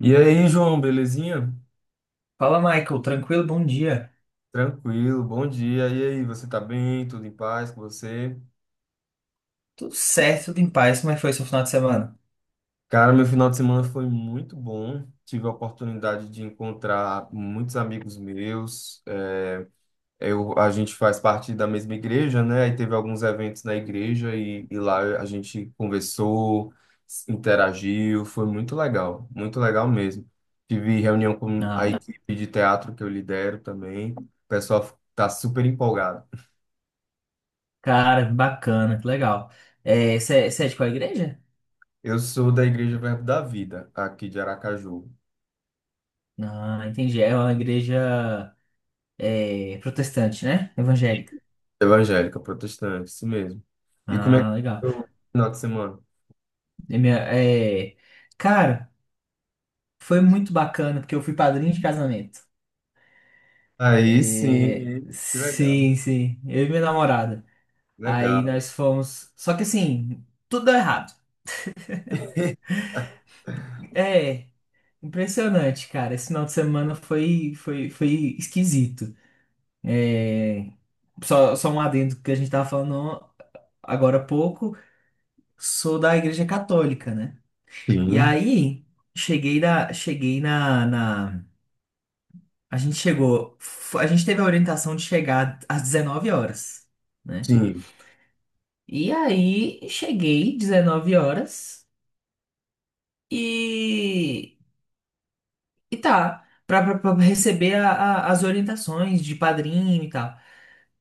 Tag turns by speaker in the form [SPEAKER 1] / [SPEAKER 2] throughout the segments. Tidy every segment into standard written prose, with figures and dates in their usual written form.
[SPEAKER 1] E aí, João, belezinha?
[SPEAKER 2] Fala, Michael. Tranquilo? Bom dia.
[SPEAKER 1] Tranquilo, bom dia. E aí, você tá bem? Tudo em paz com você?
[SPEAKER 2] Tudo certo, tudo em paz. Como é que foi seu final de semana?
[SPEAKER 1] Cara, meu final de semana foi muito bom. Tive a oportunidade de encontrar muitos amigos meus. Eu, a gente faz parte da mesma igreja, né? Aí teve alguns eventos na igreja e lá a gente conversou, interagiu. Foi muito legal mesmo. Tive reunião com a
[SPEAKER 2] Ah,
[SPEAKER 1] equipe de teatro que eu lidero também. O pessoal tá super empolgado.
[SPEAKER 2] cara, que bacana, que legal. É, você é de qual igreja?
[SPEAKER 1] Eu sou da Igreja Verbo da Vida, aqui de Aracaju.
[SPEAKER 2] Ah, entendi. É uma igreja é, protestante, né? Evangélica.
[SPEAKER 1] Evangélica, protestante, isso mesmo. E como é que
[SPEAKER 2] Ah, legal.
[SPEAKER 1] foi o final de semana?
[SPEAKER 2] E minha- é, cara, foi muito bacana, porque eu fui padrinho de casamento.
[SPEAKER 1] Aí
[SPEAKER 2] É,
[SPEAKER 1] sim, que legal.
[SPEAKER 2] sim, sim. Eu e minha namorada. Aí
[SPEAKER 1] Legal.
[SPEAKER 2] nós fomos. Só que assim, tudo deu errado. É. Impressionante, cara. Esse final de semana foi esquisito. É, só, só um adendo que a gente tava falando agora há pouco. Sou da Igreja Católica, né? E
[SPEAKER 1] Sim,
[SPEAKER 2] aí, cheguei na, cheguei na, na... A gente chegou... A gente teve a orientação de chegar às 19 horas, né?
[SPEAKER 1] sim.
[SPEAKER 2] E aí, cheguei 19 horas e tá, pra receber as orientações de padrinho e tal.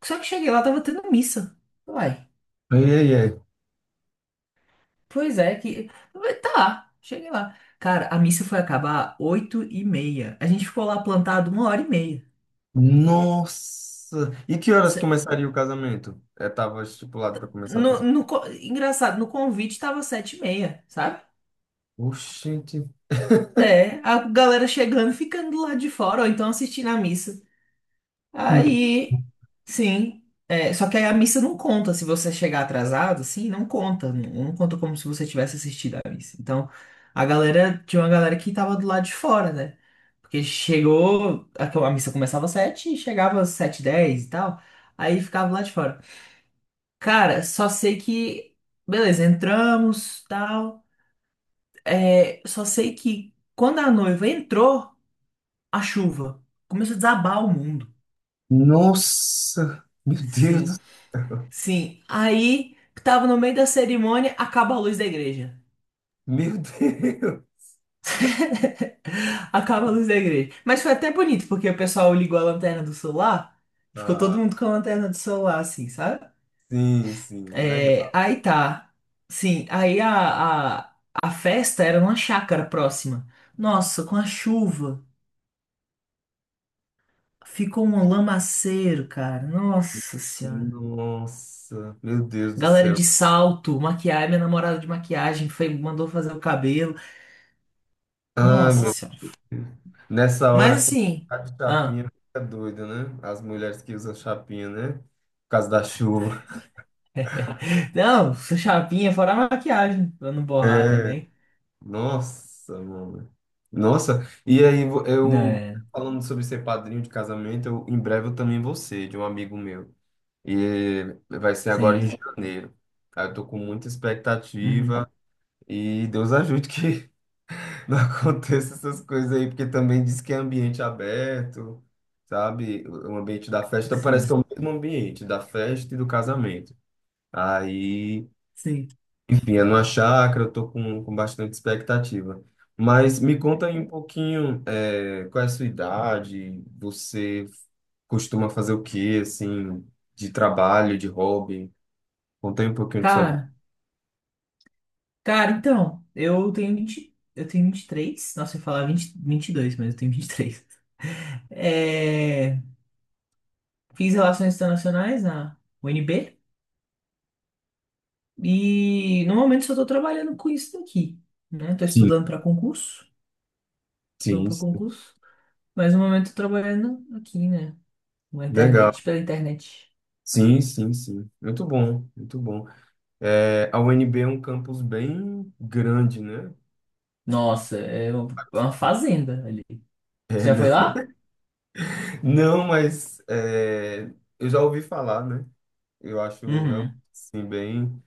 [SPEAKER 2] Só que cheguei lá, tava tendo missa. Uai,
[SPEAKER 1] Ai, ai, ai.
[SPEAKER 2] pois é, que. Tá, cheguei lá. Cara, a missa foi acabar 8h30. A gente ficou lá plantado 1h30.
[SPEAKER 1] Nossa! E que horas
[SPEAKER 2] Se-
[SPEAKER 1] começaria o casamento? É, tava estipulado para começar o casamento.
[SPEAKER 2] Engraçado, no convite tava 7h30, sabe?
[SPEAKER 1] Oxente.
[SPEAKER 2] É, a galera chegando, e ficando lá de fora, ou então assistindo a missa. Aí, sim. É, só que aí a missa não conta se você chegar atrasado, sim, não conta. Não, não conta como se você tivesse assistido a missa. Então, a galera, tinha uma galera que tava do lado de fora, né? Porque chegou, a missa começava às 7h e chegava às 7h10 e tal. Aí ficava lá de fora. Cara, só sei que, beleza, entramos, tal. É, só sei que quando a noiva entrou, a chuva começou a desabar o mundo.
[SPEAKER 1] Nossa! Meu Deus!
[SPEAKER 2] Sim,
[SPEAKER 1] do-
[SPEAKER 2] sim, aí tava no meio da cerimônia, acaba a luz da igreja.
[SPEAKER 1] Meu Deus!
[SPEAKER 2] Acaba a luz da igreja. Mas foi até bonito, porque o pessoal ligou a lanterna do celular, e ficou todo
[SPEAKER 1] Ah,
[SPEAKER 2] mundo com a lanterna do celular, assim, sabe?
[SPEAKER 1] sim, sim,
[SPEAKER 2] É,
[SPEAKER 1] legal.
[SPEAKER 2] aí tá. Sim, aí a festa era numa chácara próxima. Nossa, com a chuva, ficou um lamaceiro, cara. Nossa senhora.
[SPEAKER 1] Nossa, meu Deus do
[SPEAKER 2] Galera
[SPEAKER 1] céu.
[SPEAKER 2] de salto, maquiagem, minha namorada de maquiagem foi, mandou fazer o cabelo.
[SPEAKER 1] Ai,
[SPEAKER 2] Nossa
[SPEAKER 1] meu,
[SPEAKER 2] senhora.
[SPEAKER 1] nessa
[SPEAKER 2] Mas
[SPEAKER 1] hora quem
[SPEAKER 2] assim,
[SPEAKER 1] tá de
[SPEAKER 2] ah,
[SPEAKER 1] chapinha fica doido, né? As mulheres que usam chapinha, né? Por causa da chuva.
[SPEAKER 2] não, chapinha fora a maquiagem, pra não borrar
[SPEAKER 1] É,
[SPEAKER 2] também.
[SPEAKER 1] nossa, mano. Nossa, e aí eu
[SPEAKER 2] Né,
[SPEAKER 1] falando sobre ser padrinho de casamento, eu, em breve eu também vou ser, de um amigo meu. E vai ser agora em
[SPEAKER 2] sim.
[SPEAKER 1] janeiro. Aí eu tô com muita
[SPEAKER 2] Uhum,
[SPEAKER 1] expectativa e Deus ajude que não aconteça essas coisas aí, porque também diz que é ambiente aberto, sabe? O ambiente da festa então parece que é
[SPEAKER 2] sim,
[SPEAKER 1] o mesmo ambiente da festa e do casamento. Aí,
[SPEAKER 2] sim.
[SPEAKER 1] enfim, é numa chácara, eu tô com bastante expectativa. Mas me conta aí um pouquinho, é, qual é a sua idade, você costuma fazer o quê, assim, de trabalho, de hobby? Conta aí um pouquinho de sua vida.
[SPEAKER 2] Cara, cara, então, eu tenho 23. Nossa, eu ia falar vinte, 22, mas eu tenho 23. É, fiz relações internacionais na UNB e no momento só tô trabalhando com isso daqui, né? Tô
[SPEAKER 1] Sim,
[SPEAKER 2] estudando para concurso, estudando
[SPEAKER 1] sim,
[SPEAKER 2] para
[SPEAKER 1] sim.
[SPEAKER 2] concurso, mas no momento tô trabalhando aqui, né? Na internet,
[SPEAKER 1] Legal.
[SPEAKER 2] pela internet.
[SPEAKER 1] Sim, sim, sim. Muito bom, muito bom. É, a UNB é um campus bem grande, né?
[SPEAKER 2] Nossa, é uma fazenda ali.
[SPEAKER 1] É,
[SPEAKER 2] Você já
[SPEAKER 1] né?
[SPEAKER 2] foi lá?
[SPEAKER 1] Não, mas é, eu já ouvi falar, né? Eu acho realmente
[SPEAKER 2] Uhum.
[SPEAKER 1] assim, bem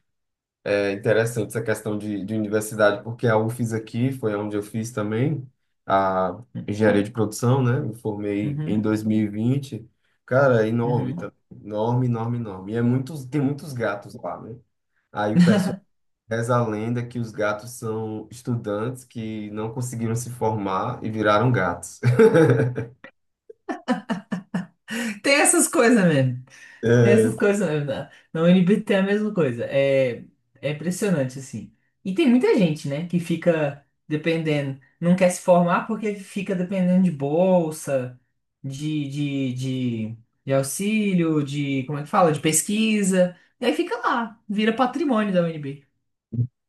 [SPEAKER 1] é, interessante essa questão de universidade, porque a UFES aqui foi onde eu fiz também a engenharia de produção, né? Me formei em
[SPEAKER 2] Uhum.
[SPEAKER 1] 2020. Cara, é enorme,
[SPEAKER 2] Uhum.
[SPEAKER 1] tá? Enorme, enorme, enorme. E é muitos, tem muitos gatos lá, né? Aí o pessoal reza a lenda que os gatos são estudantes que não conseguiram se formar e viraram gatos.
[SPEAKER 2] Tem essas coisas mesmo. Tem
[SPEAKER 1] É,
[SPEAKER 2] essas coisas mesmo. Na UNB tem a mesma coisa. É, é impressionante, assim. E tem muita gente, né, que fica dependendo, não quer se formar porque fica dependendo de bolsa, de, de, de, de auxílio, de, como é que fala? De pesquisa. E aí fica lá, vira patrimônio da UNB.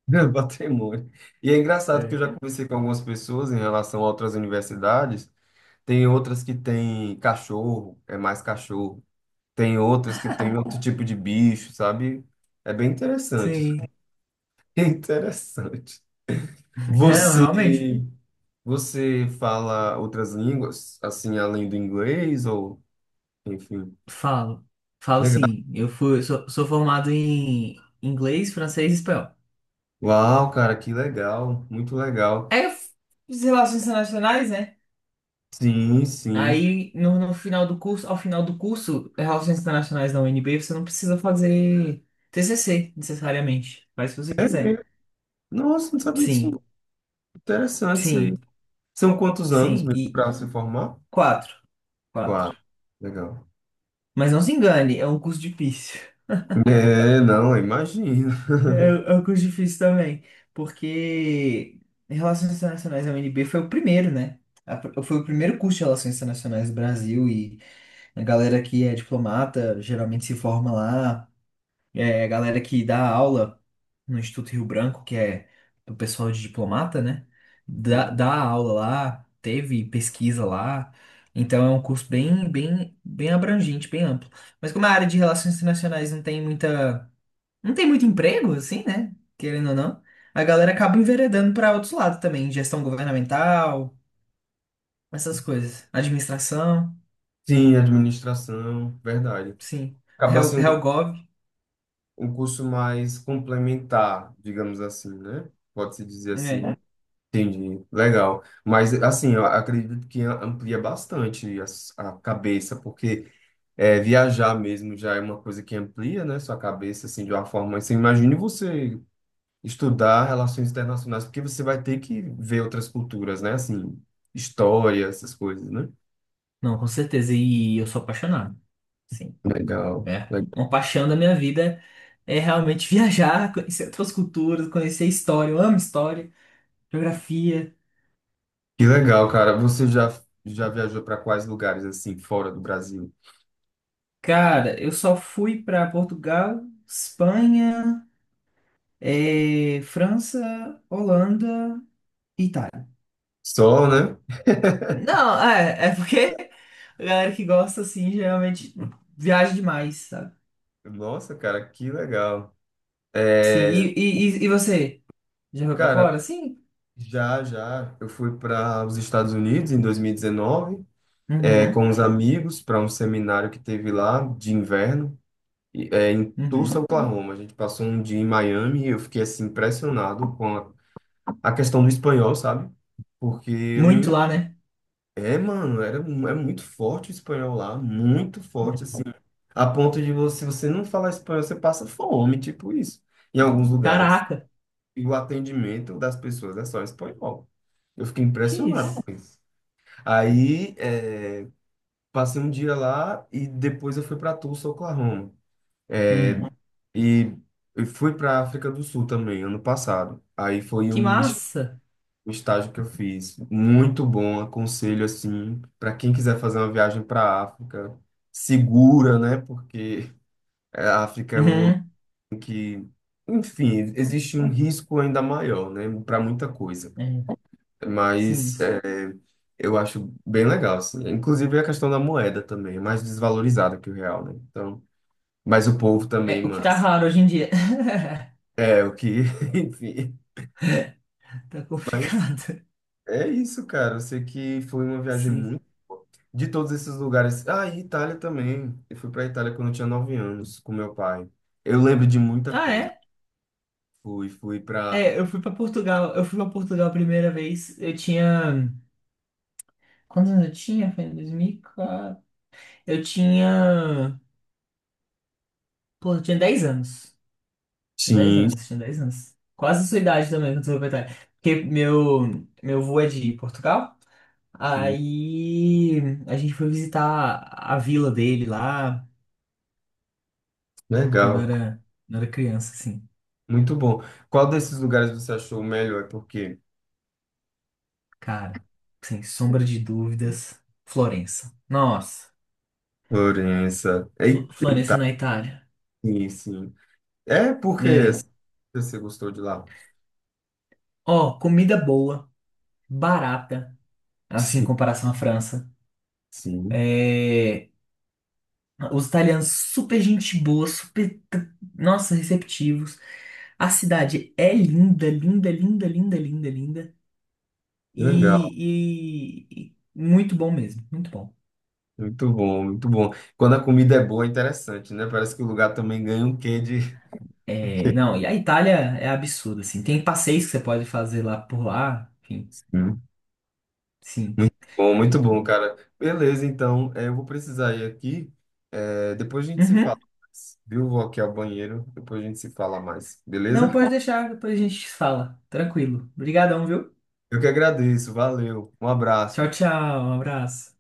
[SPEAKER 1] patrimônio. E é engraçado que eu
[SPEAKER 2] É.
[SPEAKER 1] já conversei com algumas pessoas em relação a outras universidades. Tem outras que têm cachorro, é mais cachorro. Tem outras que têm outro tipo de bicho, sabe? É bem interessante.
[SPEAKER 2] Sim.
[SPEAKER 1] É interessante.
[SPEAKER 2] Não,
[SPEAKER 1] Você,
[SPEAKER 2] realmente.
[SPEAKER 1] você fala outras línguas, assim, além do inglês ou, enfim.
[SPEAKER 2] Falo, falo
[SPEAKER 1] Legal.
[SPEAKER 2] sim. Eu fui, sou, sou formado em inglês, francês e espanhol.
[SPEAKER 1] Uau, cara, que legal, muito legal.
[SPEAKER 2] É as relações internacionais, né?
[SPEAKER 1] Sim, sim.
[SPEAKER 2] Aí, no final do curso, ao final do curso, Relações Internacionais da UNB, você não precisa fazer TCC, necessariamente. Faz se você
[SPEAKER 1] É
[SPEAKER 2] quiser.
[SPEAKER 1] mesmo. Nossa, não sabia disso. Não.
[SPEAKER 2] Sim,
[SPEAKER 1] Interessante isso aí.
[SPEAKER 2] sim,
[SPEAKER 1] São quantos anos
[SPEAKER 2] sim.
[SPEAKER 1] mesmo
[SPEAKER 2] E
[SPEAKER 1] para se formar?
[SPEAKER 2] quatro, quatro.
[SPEAKER 1] Claro, legal.
[SPEAKER 2] Mas não se engane, é um curso difícil.
[SPEAKER 1] É, não, imagina.
[SPEAKER 2] É, é o curso difícil também, porque Relações Internacionais da UNB foi o primeiro, né? Foi o primeiro curso de Relações Internacionais do Brasil e a galera que é diplomata geralmente se forma lá, é a galera que dá aula no Instituto Rio Branco, que é do pessoal de diplomata, né? Dá,
[SPEAKER 1] Sim,
[SPEAKER 2] dá aula lá, teve pesquisa lá, então é um curso bem, bem, bem abrangente, bem amplo. Mas como a área de Relações Internacionais não tem muito emprego, assim, né? Querendo ou não. A galera acaba enveredando para outros lados também, gestão governamental, essas coisas. Administração,
[SPEAKER 1] sim, administração, verdade.
[SPEAKER 2] sim.
[SPEAKER 1] Acaba sendo
[SPEAKER 2] Helgov,
[SPEAKER 1] um curso mais complementar, digamos assim, né? Pode-se dizer assim.
[SPEAKER 2] é.
[SPEAKER 1] É. Entendi, legal. Mas, assim, eu acredito que amplia bastante a cabeça, porque. É, viajar mesmo já é uma coisa que amplia, né, sua cabeça, assim, de uma forma. Você imagine você estudar relações internacionais, porque você vai ter que ver outras culturas, né, assim, história, essas coisas, né?
[SPEAKER 2] Não, com certeza. E eu sou apaixonado. Sim.
[SPEAKER 1] Legal.
[SPEAKER 2] É,
[SPEAKER 1] le-
[SPEAKER 2] uma paixão da minha vida é realmente viajar, conhecer outras culturas, conhecer história. Eu amo história, geografia.
[SPEAKER 1] Que legal, cara. Já viajou para quais lugares, assim, fora do Brasil?
[SPEAKER 2] Cara, eu só fui para Portugal, Espanha, França, Holanda.
[SPEAKER 1] Só, né?
[SPEAKER 2] Não, é, é porque a galera que gosta, assim, geralmente viaja demais, sabe?
[SPEAKER 1] Nossa, cara, que legal.
[SPEAKER 2] Sim,
[SPEAKER 1] É,
[SPEAKER 2] e você? Já foi pra
[SPEAKER 1] cara,
[SPEAKER 2] fora? Sim.
[SPEAKER 1] já, eu fui para os Estados Unidos em 2019. É, com
[SPEAKER 2] Uhum,
[SPEAKER 1] os amigos para um seminário que teve lá de inverno, é, em Tulsa,
[SPEAKER 2] uhum.
[SPEAKER 1] Oklahoma. A gente passou um dia em Miami e eu fiquei assim impressionado com a questão do espanhol, sabe? Porque eu não.
[SPEAKER 2] Muito lá, né?
[SPEAKER 1] É, mano, era, é muito forte o espanhol lá, muito forte,
[SPEAKER 2] Uhum.
[SPEAKER 1] assim. A ponto de você, se você não falar espanhol, você passa fome, tipo isso, em alguns lugares.
[SPEAKER 2] Caraca,
[SPEAKER 1] E o atendimento das pessoas é só em espanhol. Eu fiquei
[SPEAKER 2] que
[SPEAKER 1] impressionado
[SPEAKER 2] isso?
[SPEAKER 1] com isso. Aí, é, passei um dia lá e depois eu fui para Tulsa, Oklahoma.
[SPEAKER 2] Uhum.
[SPEAKER 1] E eu fui para África do Sul também, ano passado. Aí foi
[SPEAKER 2] Que massa!
[SPEAKER 1] um estágio que eu fiz, muito bom, aconselho assim, para quem quiser fazer uma viagem para a África, segura, né? Porque a África é um
[SPEAKER 2] Uhum.
[SPEAKER 1] ambiente que, enfim, existe um risco ainda maior, né? Para muita coisa.
[SPEAKER 2] É,
[SPEAKER 1] Mas
[SPEAKER 2] sim.
[SPEAKER 1] é, eu acho bem legal, assim. Inclusive a questão da moeda também, é mais desvalorizada que o real, né? Então mas o povo
[SPEAKER 2] É,
[SPEAKER 1] também,
[SPEAKER 2] o que
[SPEAKER 1] mano.
[SPEAKER 2] tá raro hoje em dia.
[SPEAKER 1] É, o que, enfim.
[SPEAKER 2] Tá
[SPEAKER 1] Mas
[SPEAKER 2] complicado.
[SPEAKER 1] é isso, cara. Eu sei que foi uma viagem
[SPEAKER 2] Sim.
[SPEAKER 1] muito. De todos esses lugares. Ah, e Itália também. Eu fui pra Itália quando eu tinha 9 anos, com meu pai. Eu lembro de muita
[SPEAKER 2] Ah,
[SPEAKER 1] coisa.
[SPEAKER 2] é?
[SPEAKER 1] Fui pra.
[SPEAKER 2] É, eu fui pra Portugal. Eu fui pra Portugal a primeira vez. Eu tinha. Quantos anos eu tinha? Foi em 2004. Eu tinha. Pô, eu tinha 10 anos. Tinha 10
[SPEAKER 1] Sim,
[SPEAKER 2] anos, tinha 10 anos. Quase a sua idade também, quando você foi. Porque meu avô é de Portugal.
[SPEAKER 1] sim.
[SPEAKER 2] Aí a gente foi visitar a vila dele lá
[SPEAKER 1] Legal.
[SPEAKER 2] quando era criança, assim.
[SPEAKER 1] Muito bom. Qual desses lugares você achou o melhor? E por quê?
[SPEAKER 2] Cara, sem sombra de dúvidas, Florença. Nossa,
[SPEAKER 1] Florença. Eita,
[SPEAKER 2] Florença na Itália.
[SPEAKER 1] sim, sim. É porque
[SPEAKER 2] É.
[SPEAKER 1] você gostou de lá?
[SPEAKER 2] Ó, comida boa, barata, assim, em
[SPEAKER 1] Sim,
[SPEAKER 2] comparação à França.
[SPEAKER 1] sim.
[SPEAKER 2] É, os italianos super gente boa, super, nossa, receptivos. A cidade é linda, linda, linda, linda, linda, linda.
[SPEAKER 1] Legal.
[SPEAKER 2] E, e muito bom mesmo, muito bom.
[SPEAKER 1] Muito bom, muito bom. Quando a comida é boa, é interessante, né? Parece que o lugar também ganha um quê de.
[SPEAKER 2] É, não, e a Itália é absurda, assim. Tem passeios que você pode fazer lá por lá, enfim,
[SPEAKER 1] Sim.
[SPEAKER 2] sim, é
[SPEAKER 1] Muito
[SPEAKER 2] muito
[SPEAKER 1] bom,
[SPEAKER 2] bom.
[SPEAKER 1] cara. Beleza, então, é, eu vou precisar ir aqui. É, depois a gente se fala
[SPEAKER 2] Uhum.
[SPEAKER 1] mais, viu? Vou aqui ao banheiro, depois a gente se fala mais,
[SPEAKER 2] Não,
[SPEAKER 1] beleza?
[SPEAKER 2] pode deixar, depois a gente fala. Tranquilo. Obrigadão, viu?
[SPEAKER 1] Eu que agradeço, valeu, um abraço.
[SPEAKER 2] Tchau, tchau, um abraço.